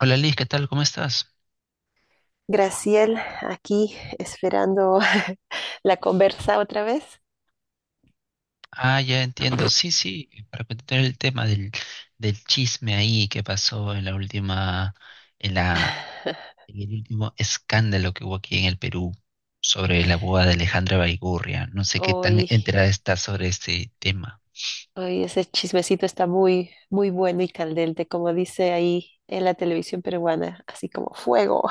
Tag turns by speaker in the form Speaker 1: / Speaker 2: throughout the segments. Speaker 1: Hola Liz, ¿qué tal? ¿Cómo estás?
Speaker 2: Graciel, aquí esperando la conversa otra vez.
Speaker 1: Ah, ya entiendo. Sí, sí, para continuar el tema del chisme ahí que pasó en la última, en la, en el último escándalo que hubo aquí en el Perú sobre la boda de Alejandra Baigurria. No sé qué tan
Speaker 2: Hoy,
Speaker 1: enterada estás sobre este tema.
Speaker 2: hoy ese chismecito está muy, muy bueno y candente, como dice ahí en la televisión peruana, así como fuego.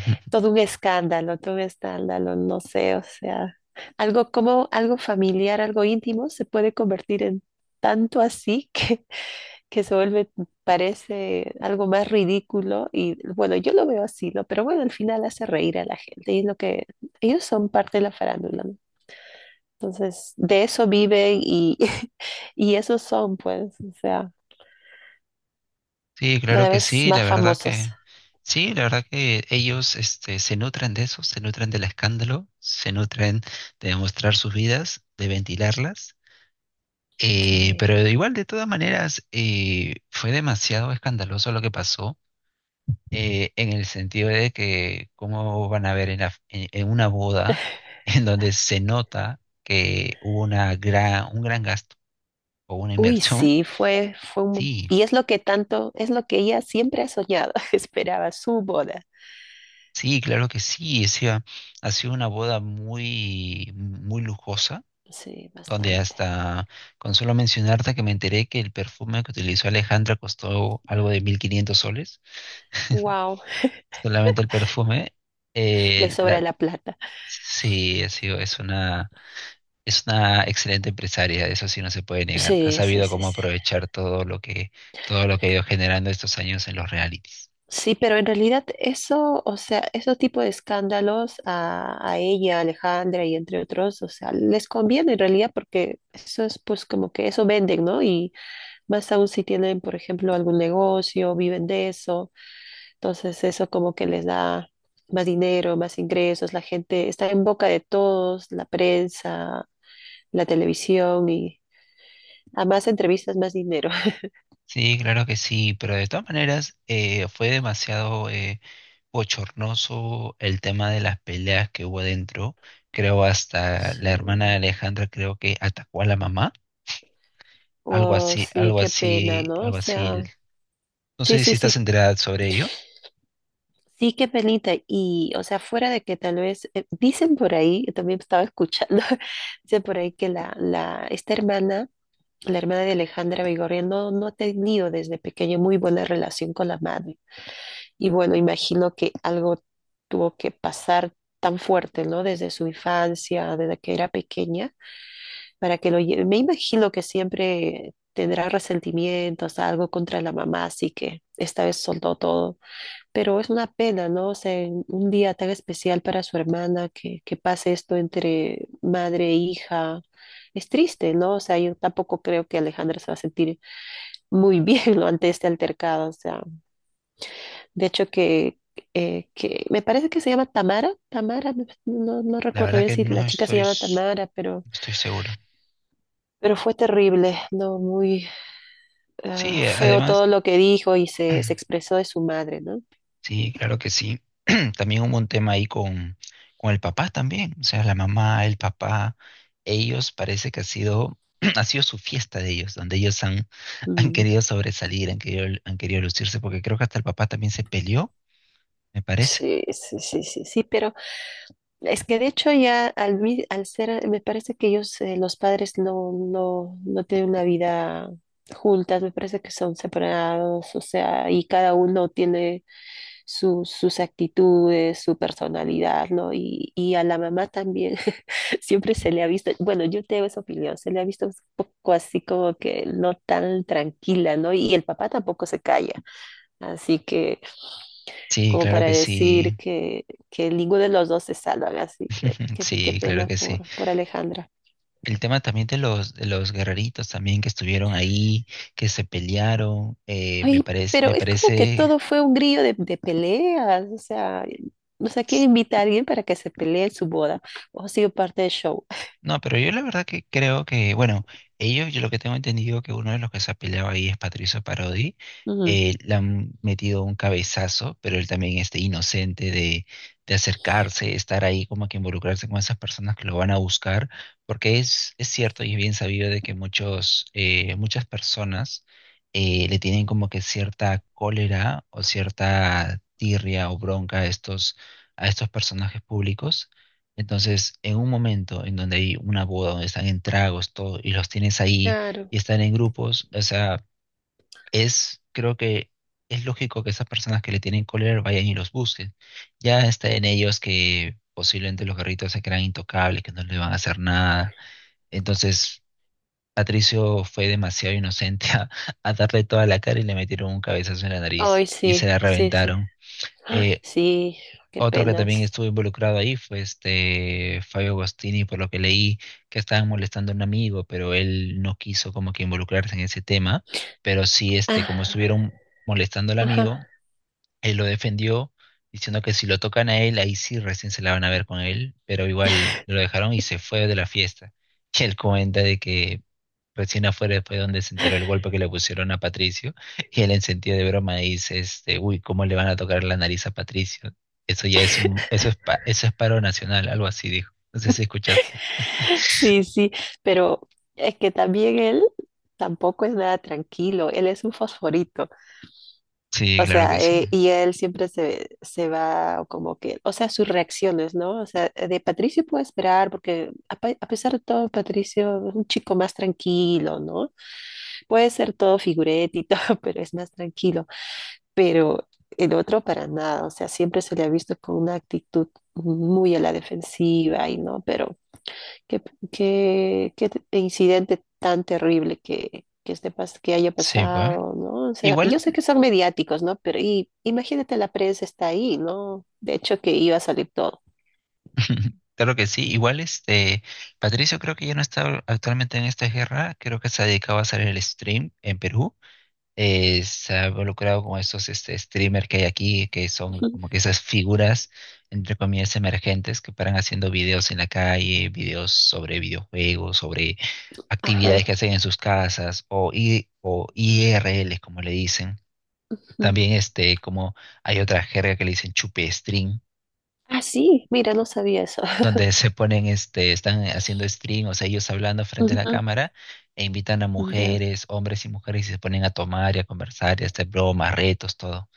Speaker 2: Todo un escándalo, no sé, o sea, algo como algo familiar, algo íntimo se puede convertir en tanto así que se vuelve, parece algo más ridículo y bueno, yo lo veo así, ¿no? Pero bueno, al final hace reír a la gente y es lo que ellos son parte de la farándula, ¿no? Entonces, de eso viven y, y esos son, pues, o sea,
Speaker 1: Sí, claro
Speaker 2: cada
Speaker 1: que
Speaker 2: vez
Speaker 1: sí, la
Speaker 2: más
Speaker 1: verdad
Speaker 2: famosos.
Speaker 1: que sí, la verdad que ellos, este, se nutren de eso, se nutren del escándalo, se nutren de mostrar sus vidas, de ventilarlas.
Speaker 2: Sí.
Speaker 1: Pero igual, de todas maneras, fue demasiado escandaloso lo que pasó, en el sentido de que cómo van a ver en una boda en donde se nota que hubo un gran gasto o una
Speaker 2: Uy,
Speaker 1: inversión.
Speaker 2: sí, fue,
Speaker 1: Sí,
Speaker 2: y es lo que tanto, es lo que ella siempre ha soñado, esperaba su boda.
Speaker 1: sí, claro que sí. O sea, ha sido una boda muy, muy lujosa,
Speaker 2: Sí,
Speaker 1: donde
Speaker 2: bastante.
Speaker 1: hasta, con solo mencionarte que me enteré que el perfume que utilizó Alejandra costó algo de 1500 soles.
Speaker 2: Wow,
Speaker 1: Solamente el perfume.
Speaker 2: le
Speaker 1: Eh, la,
Speaker 2: sobra la plata.
Speaker 1: sí, ha sido, es una excelente empresaria, eso sí no se puede negar. Ha
Speaker 2: Sí, sí,
Speaker 1: sabido
Speaker 2: sí,
Speaker 1: cómo
Speaker 2: sí.
Speaker 1: aprovechar todo lo que ha ido generando estos años en los realities.
Speaker 2: Sí, pero en realidad eso, o sea, esos tipos de escándalos a ella, a Alejandra y entre otros, o sea, les conviene en realidad porque eso es pues como que eso venden, ¿no? Y más aún si tienen, por ejemplo, algún negocio, viven de eso, entonces eso como que les da más dinero, más ingresos, la gente está en boca de todos, la prensa, la televisión y a más entrevistas, más dinero.
Speaker 1: Sí, claro que sí, pero de todas maneras fue demasiado bochornoso el tema de las peleas que hubo dentro. Creo hasta la hermana de
Speaker 2: Sí.
Speaker 1: Alejandra creo que atacó a la mamá, algo
Speaker 2: Oh,
Speaker 1: así,
Speaker 2: sí,
Speaker 1: algo
Speaker 2: qué pena,
Speaker 1: así,
Speaker 2: ¿no? O
Speaker 1: algo así.
Speaker 2: sea...
Speaker 1: No
Speaker 2: Sí,
Speaker 1: sé si
Speaker 2: sí,
Speaker 1: estás
Speaker 2: sí,
Speaker 1: enterada sobre ello.
Speaker 2: sí, qué penita. Y, o sea, fuera de que tal vez, dicen por ahí, yo también estaba escuchando, dicen por ahí que esta hermana, la hermana de Alejandra Vigorria, no, no ha tenido desde pequeña muy buena relación con la madre. Y bueno, imagino que algo tuvo que pasar tan fuerte, ¿no? Desde su infancia, desde que era pequeña, para que lo lleve. Me imagino que siempre tendrá resentimientos, algo contra la mamá, así que esta vez soltó todo. Pero es una pena, ¿no? O sea, en un día tan especial para su hermana que pase esto entre madre e hija. Es triste, ¿no? O sea, yo tampoco creo que Alejandra se va a sentir muy bien, ¿no? Ante este altercado. O sea, de hecho que me parece que se llama Tamara. Tamara, no, no
Speaker 1: La
Speaker 2: recuerdo
Speaker 1: verdad
Speaker 2: bien
Speaker 1: que
Speaker 2: si
Speaker 1: no
Speaker 2: la chica se
Speaker 1: estoy,
Speaker 2: llama
Speaker 1: s-
Speaker 2: Tamara,
Speaker 1: no estoy seguro.
Speaker 2: pero fue terrible, ¿no? Muy ah,
Speaker 1: Sí,
Speaker 2: feo
Speaker 1: además,
Speaker 2: todo lo que dijo y se expresó de su madre, ¿no?
Speaker 1: sí, claro que sí. También hubo un tema ahí con el papá también. O sea, la mamá, el papá, ellos parece que ha sido, ha sido su fiesta de ellos, donde ellos han, han
Speaker 2: Mm,
Speaker 1: querido sobresalir, han querido lucirse, porque creo que hasta el papá también se peleó, me parece.
Speaker 2: sí, sí, sí, sí, sí, pero... Es que de hecho ya al, al ser, me parece que ellos, los padres no, no tienen una vida juntas, me parece que son separados, o sea, y cada uno tiene sus actitudes, su personalidad, ¿no? Y a la mamá también siempre se le ha visto, bueno, yo tengo esa opinión, se le ha visto un poco así como que no tan tranquila, ¿no? Y el papá tampoco se calla. Así que,
Speaker 1: Sí,
Speaker 2: como
Speaker 1: claro
Speaker 2: para
Speaker 1: que
Speaker 2: decir
Speaker 1: sí.
Speaker 2: que ninguno de los dos se salvan, así que qué
Speaker 1: Sí, claro
Speaker 2: pena
Speaker 1: que sí.
Speaker 2: por Alejandra.
Speaker 1: El tema también de los guerreritos también que estuvieron ahí, que se pelearon, me
Speaker 2: Ay,
Speaker 1: parece,
Speaker 2: pero es como que todo fue un grillo de peleas, o sea, no sé, ¿quién invita a alguien para que se pelee en su boda? O ha sido parte del show.
Speaker 1: No, pero yo la verdad que creo que, bueno, ellos, yo lo que tengo entendido que uno de los que se ha peleado ahí es Patricio Parodi.
Speaker 2: Ujú.
Speaker 1: Le han metido un cabezazo, pero él también, este, inocente de acercarse, estar ahí como que involucrarse con esas personas que lo van a buscar, porque es cierto y es bien sabido de que muchas personas le tienen como que cierta cólera o cierta tirria o bronca a estos personajes públicos. Entonces, en un momento en donde hay una boda, donde están en tragos, todo, y los tienes ahí
Speaker 2: Claro.
Speaker 1: y están en grupos, o sea, creo que es lógico que esas personas que le tienen cólera vayan y los busquen. Ya está en ellos que posiblemente los garritos se crean intocables, que no le van a hacer nada. Entonces, Patricio fue demasiado inocente a darle toda la cara y le metieron un cabezazo en la nariz
Speaker 2: Ay,
Speaker 1: y se
Speaker 2: sí,
Speaker 1: la
Speaker 2: sí, sí.
Speaker 1: reventaron.
Speaker 2: Ay,
Speaker 1: Eh,
Speaker 2: sí, qué
Speaker 1: Otro que también
Speaker 2: penas.
Speaker 1: estuvo involucrado ahí fue este Fabio Agostini, por lo que leí que estaban molestando a un amigo, pero él no quiso como que involucrarse en ese tema, pero sí, este,
Speaker 2: Ah,
Speaker 1: como estuvieron molestando al
Speaker 2: ajá.
Speaker 1: amigo, él lo defendió diciendo que si lo tocan a él, ahí sí recién se la van a ver con él, pero igual lo dejaron y se fue de la fiesta. Y él comenta de que recién afuera fue donde se enteró el golpe que le pusieron a Patricio. Y él en sentido de broma dice, este, uy, ¿cómo le van a tocar la nariz a Patricio? Eso ya es un, eso es, pa- eso es paro nacional, algo así dijo. No sé si escuchaste.
Speaker 2: Sí, sí, pero es que también él tampoco es nada tranquilo, él es un fosforito.
Speaker 1: Sí,
Speaker 2: O
Speaker 1: claro
Speaker 2: sea,
Speaker 1: que sí.
Speaker 2: y él siempre se, se va como que, o sea, sus reacciones, ¿no? O sea, de Patricio puedo esperar porque a, a pesar de todo, Patricio es un chico más tranquilo, ¿no? Puede ser todo figurete y todo, pero es más tranquilo. Pero el otro para nada, o sea, siempre se le ha visto con una actitud muy a la defensiva y no, pero qué, qué, incidente tan terrible que, que haya
Speaker 1: Sí, pues.
Speaker 2: pasado, ¿no? O sea, yo
Speaker 1: Igual.
Speaker 2: sé que son mediáticos, ¿no? Pero y, imagínate, la prensa está ahí, ¿no? De hecho, que iba a salir todo.
Speaker 1: Claro que sí, igual este Patricio creo que ya no está actualmente en esta guerra, creo que se ha dedicado a hacer el stream en Perú. Se ha involucrado con estos, este, streamers que hay aquí, que son
Speaker 2: Ujú.
Speaker 1: como que esas figuras, entre comillas, emergentes que paran haciendo videos en la calle, videos sobre videojuegos, sobre
Speaker 2: Ajá.
Speaker 1: actividades que hacen en sus casas, o IRLs como le dicen.
Speaker 2: Ujú.
Speaker 1: También, este, como hay otra jerga que le dicen chupe stream
Speaker 2: Ah, sí, mira, no sabía eso.
Speaker 1: donde se ponen, este, están haciendo stream, o sea, ellos hablando frente a
Speaker 2: Ujú,
Speaker 1: la cámara e invitan a
Speaker 2: ya.
Speaker 1: mujeres, hombres y mujeres, y se ponen a tomar y a conversar y a hacer bromas, retos, todo.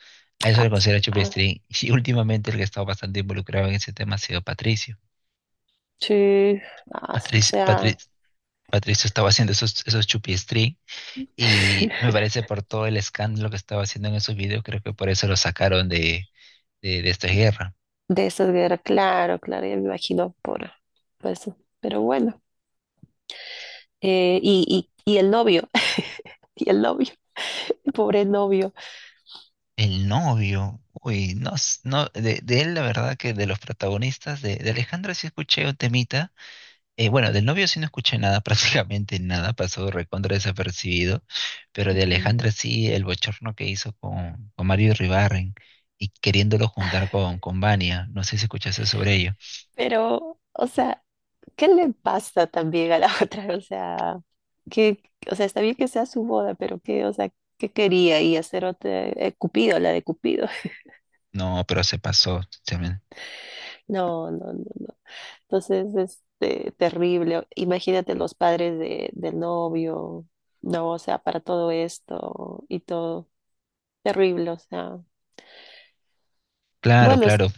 Speaker 1: A eso
Speaker 2: Ah,
Speaker 1: le
Speaker 2: s-
Speaker 1: considero chupi
Speaker 2: ah,
Speaker 1: stream. Y últimamente el que ha estado bastante involucrado en ese tema ha sido Patricio.
Speaker 2: sí. Ah, s- o
Speaker 1: Patricio,
Speaker 2: sea,
Speaker 1: Patricio, Patricio estaba haciendo esos chupi stream, y me parece por todo el escándalo que estaba haciendo en esos videos, creo que por eso lo sacaron de esta guerra.
Speaker 2: de esas guerras, claro, claro, ya me imagino por eso. Pero bueno. Y, y el novio, y el novio, pobre novio.
Speaker 1: El novio, uy, no, de él la verdad que de los protagonistas, de Alejandro sí escuché un temita. Bueno, del novio sí no escuché nada, prácticamente nada, pasó recontra desapercibido, pero de
Speaker 2: Ujú.
Speaker 1: Alejandra sí, el bochorno que hizo con Mario Ribarren y queriéndolo juntar con Vania, no sé si escuchaste sobre ello.
Speaker 2: Pero, o sea, ¿qué le pasa también a la otra? O sea, que, o sea, está bien que sea su boda, pero qué, o sea, ¿qué quería? Y hacer otra, Cupido, la de Cupido.
Speaker 1: No, pero se pasó, se me-
Speaker 2: No, no, no, no. Entonces, este, terrible. Imagínate los padres de, del novio, no, o sea, para todo esto y todo. Terrible, o sea.
Speaker 1: claro,
Speaker 2: Bueno, es,
Speaker 1: claro.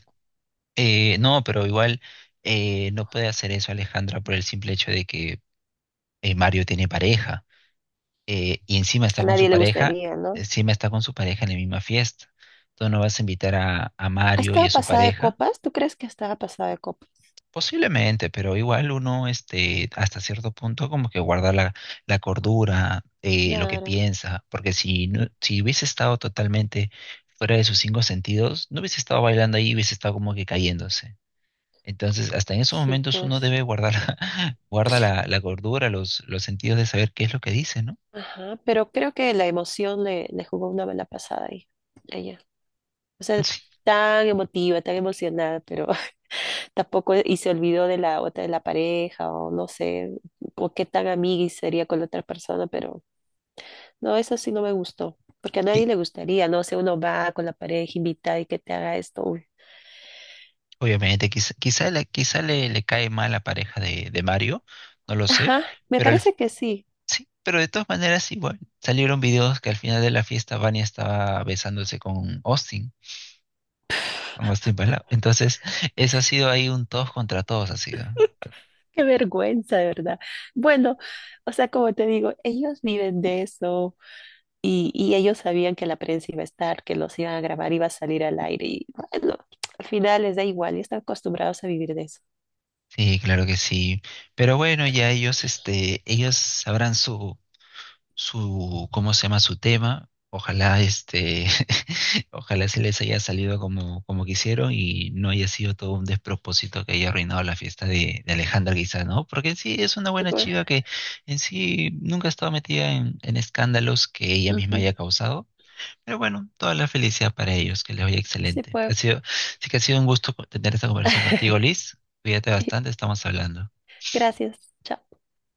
Speaker 1: No, pero igual no puede hacer eso Alejandra por el simple hecho de que Mario tiene pareja. Y encima
Speaker 2: a
Speaker 1: está con su
Speaker 2: nadie le
Speaker 1: pareja,
Speaker 2: gustaría, ¿no?
Speaker 1: encima está con su pareja en la misma fiesta. Tú no vas a invitar a Mario y
Speaker 2: ¿Estaba
Speaker 1: a su
Speaker 2: pasada de
Speaker 1: pareja,
Speaker 2: copas? ¿Tú crees que estaba pasada de copas?
Speaker 1: posiblemente, pero igual uno, este, hasta cierto punto, como que guarda la cordura, lo que
Speaker 2: Claro,
Speaker 1: piensa, porque si hubiese estado totalmente fuera de sus cinco sentidos, no hubiese estado bailando ahí, hubiese estado como que cayéndose. Entonces, hasta en esos
Speaker 2: sí,
Speaker 1: momentos uno
Speaker 2: pues.
Speaker 1: debe guardar, guarda la cordura, los sentidos de saber qué es lo que dice, ¿no?
Speaker 2: Ajá, pero creo que la emoción le, le jugó una mala pasada ahí, a ella. O sea, tan emotiva, tan emocionada, pero tampoco y se olvidó de la otra, de la pareja, o no sé, o qué tan amiga y sería con la otra persona, pero no, eso sí no me gustó, porque a nadie
Speaker 1: Sí,
Speaker 2: le gustaría, no sé, uno va con la pareja invitada y que te haga esto. Uy.
Speaker 1: obviamente, quizá le cae mal la pareja de Mario, no lo sé,
Speaker 2: Ajá, me
Speaker 1: pero
Speaker 2: parece que sí.
Speaker 1: sí, pero de todas maneras igual salieron videos que al final de la fiesta Vania estaba besándose con Austin Palao. Entonces, eso ha sido ahí un todos contra todos ha sido.
Speaker 2: Qué vergüenza, de verdad. Bueno, o sea, como te digo, ellos viven de eso. Y ellos sabían que la prensa iba a estar, que los iban a grabar, iba a salir al aire. Y bueno, al final les da igual y están acostumbrados a vivir de eso.
Speaker 1: Sí, claro que sí. Pero bueno, ya ellos, este, ellos sabrán su, su, ¿cómo se llama?, su tema. Ojalá, este, ojalá se les haya salido como quisieron y no haya sido todo un despropósito que haya arruinado la fiesta de Alejandra quizá, ¿no? Porque en sí es una
Speaker 2: Sí,
Speaker 1: buena
Speaker 2: pues.
Speaker 1: chica que en sí nunca ha estado metida en escándalos que ella misma
Speaker 2: Ujú.
Speaker 1: haya causado. Pero bueno, toda la felicidad para ellos, que les vaya
Speaker 2: Sí,
Speaker 1: excelente. Ha
Speaker 2: pues.
Speaker 1: sido, sí que ha sido un gusto tener esta conversación contigo, Liz. Cuídate bastante, estamos hablando.
Speaker 2: Gracias. Chao.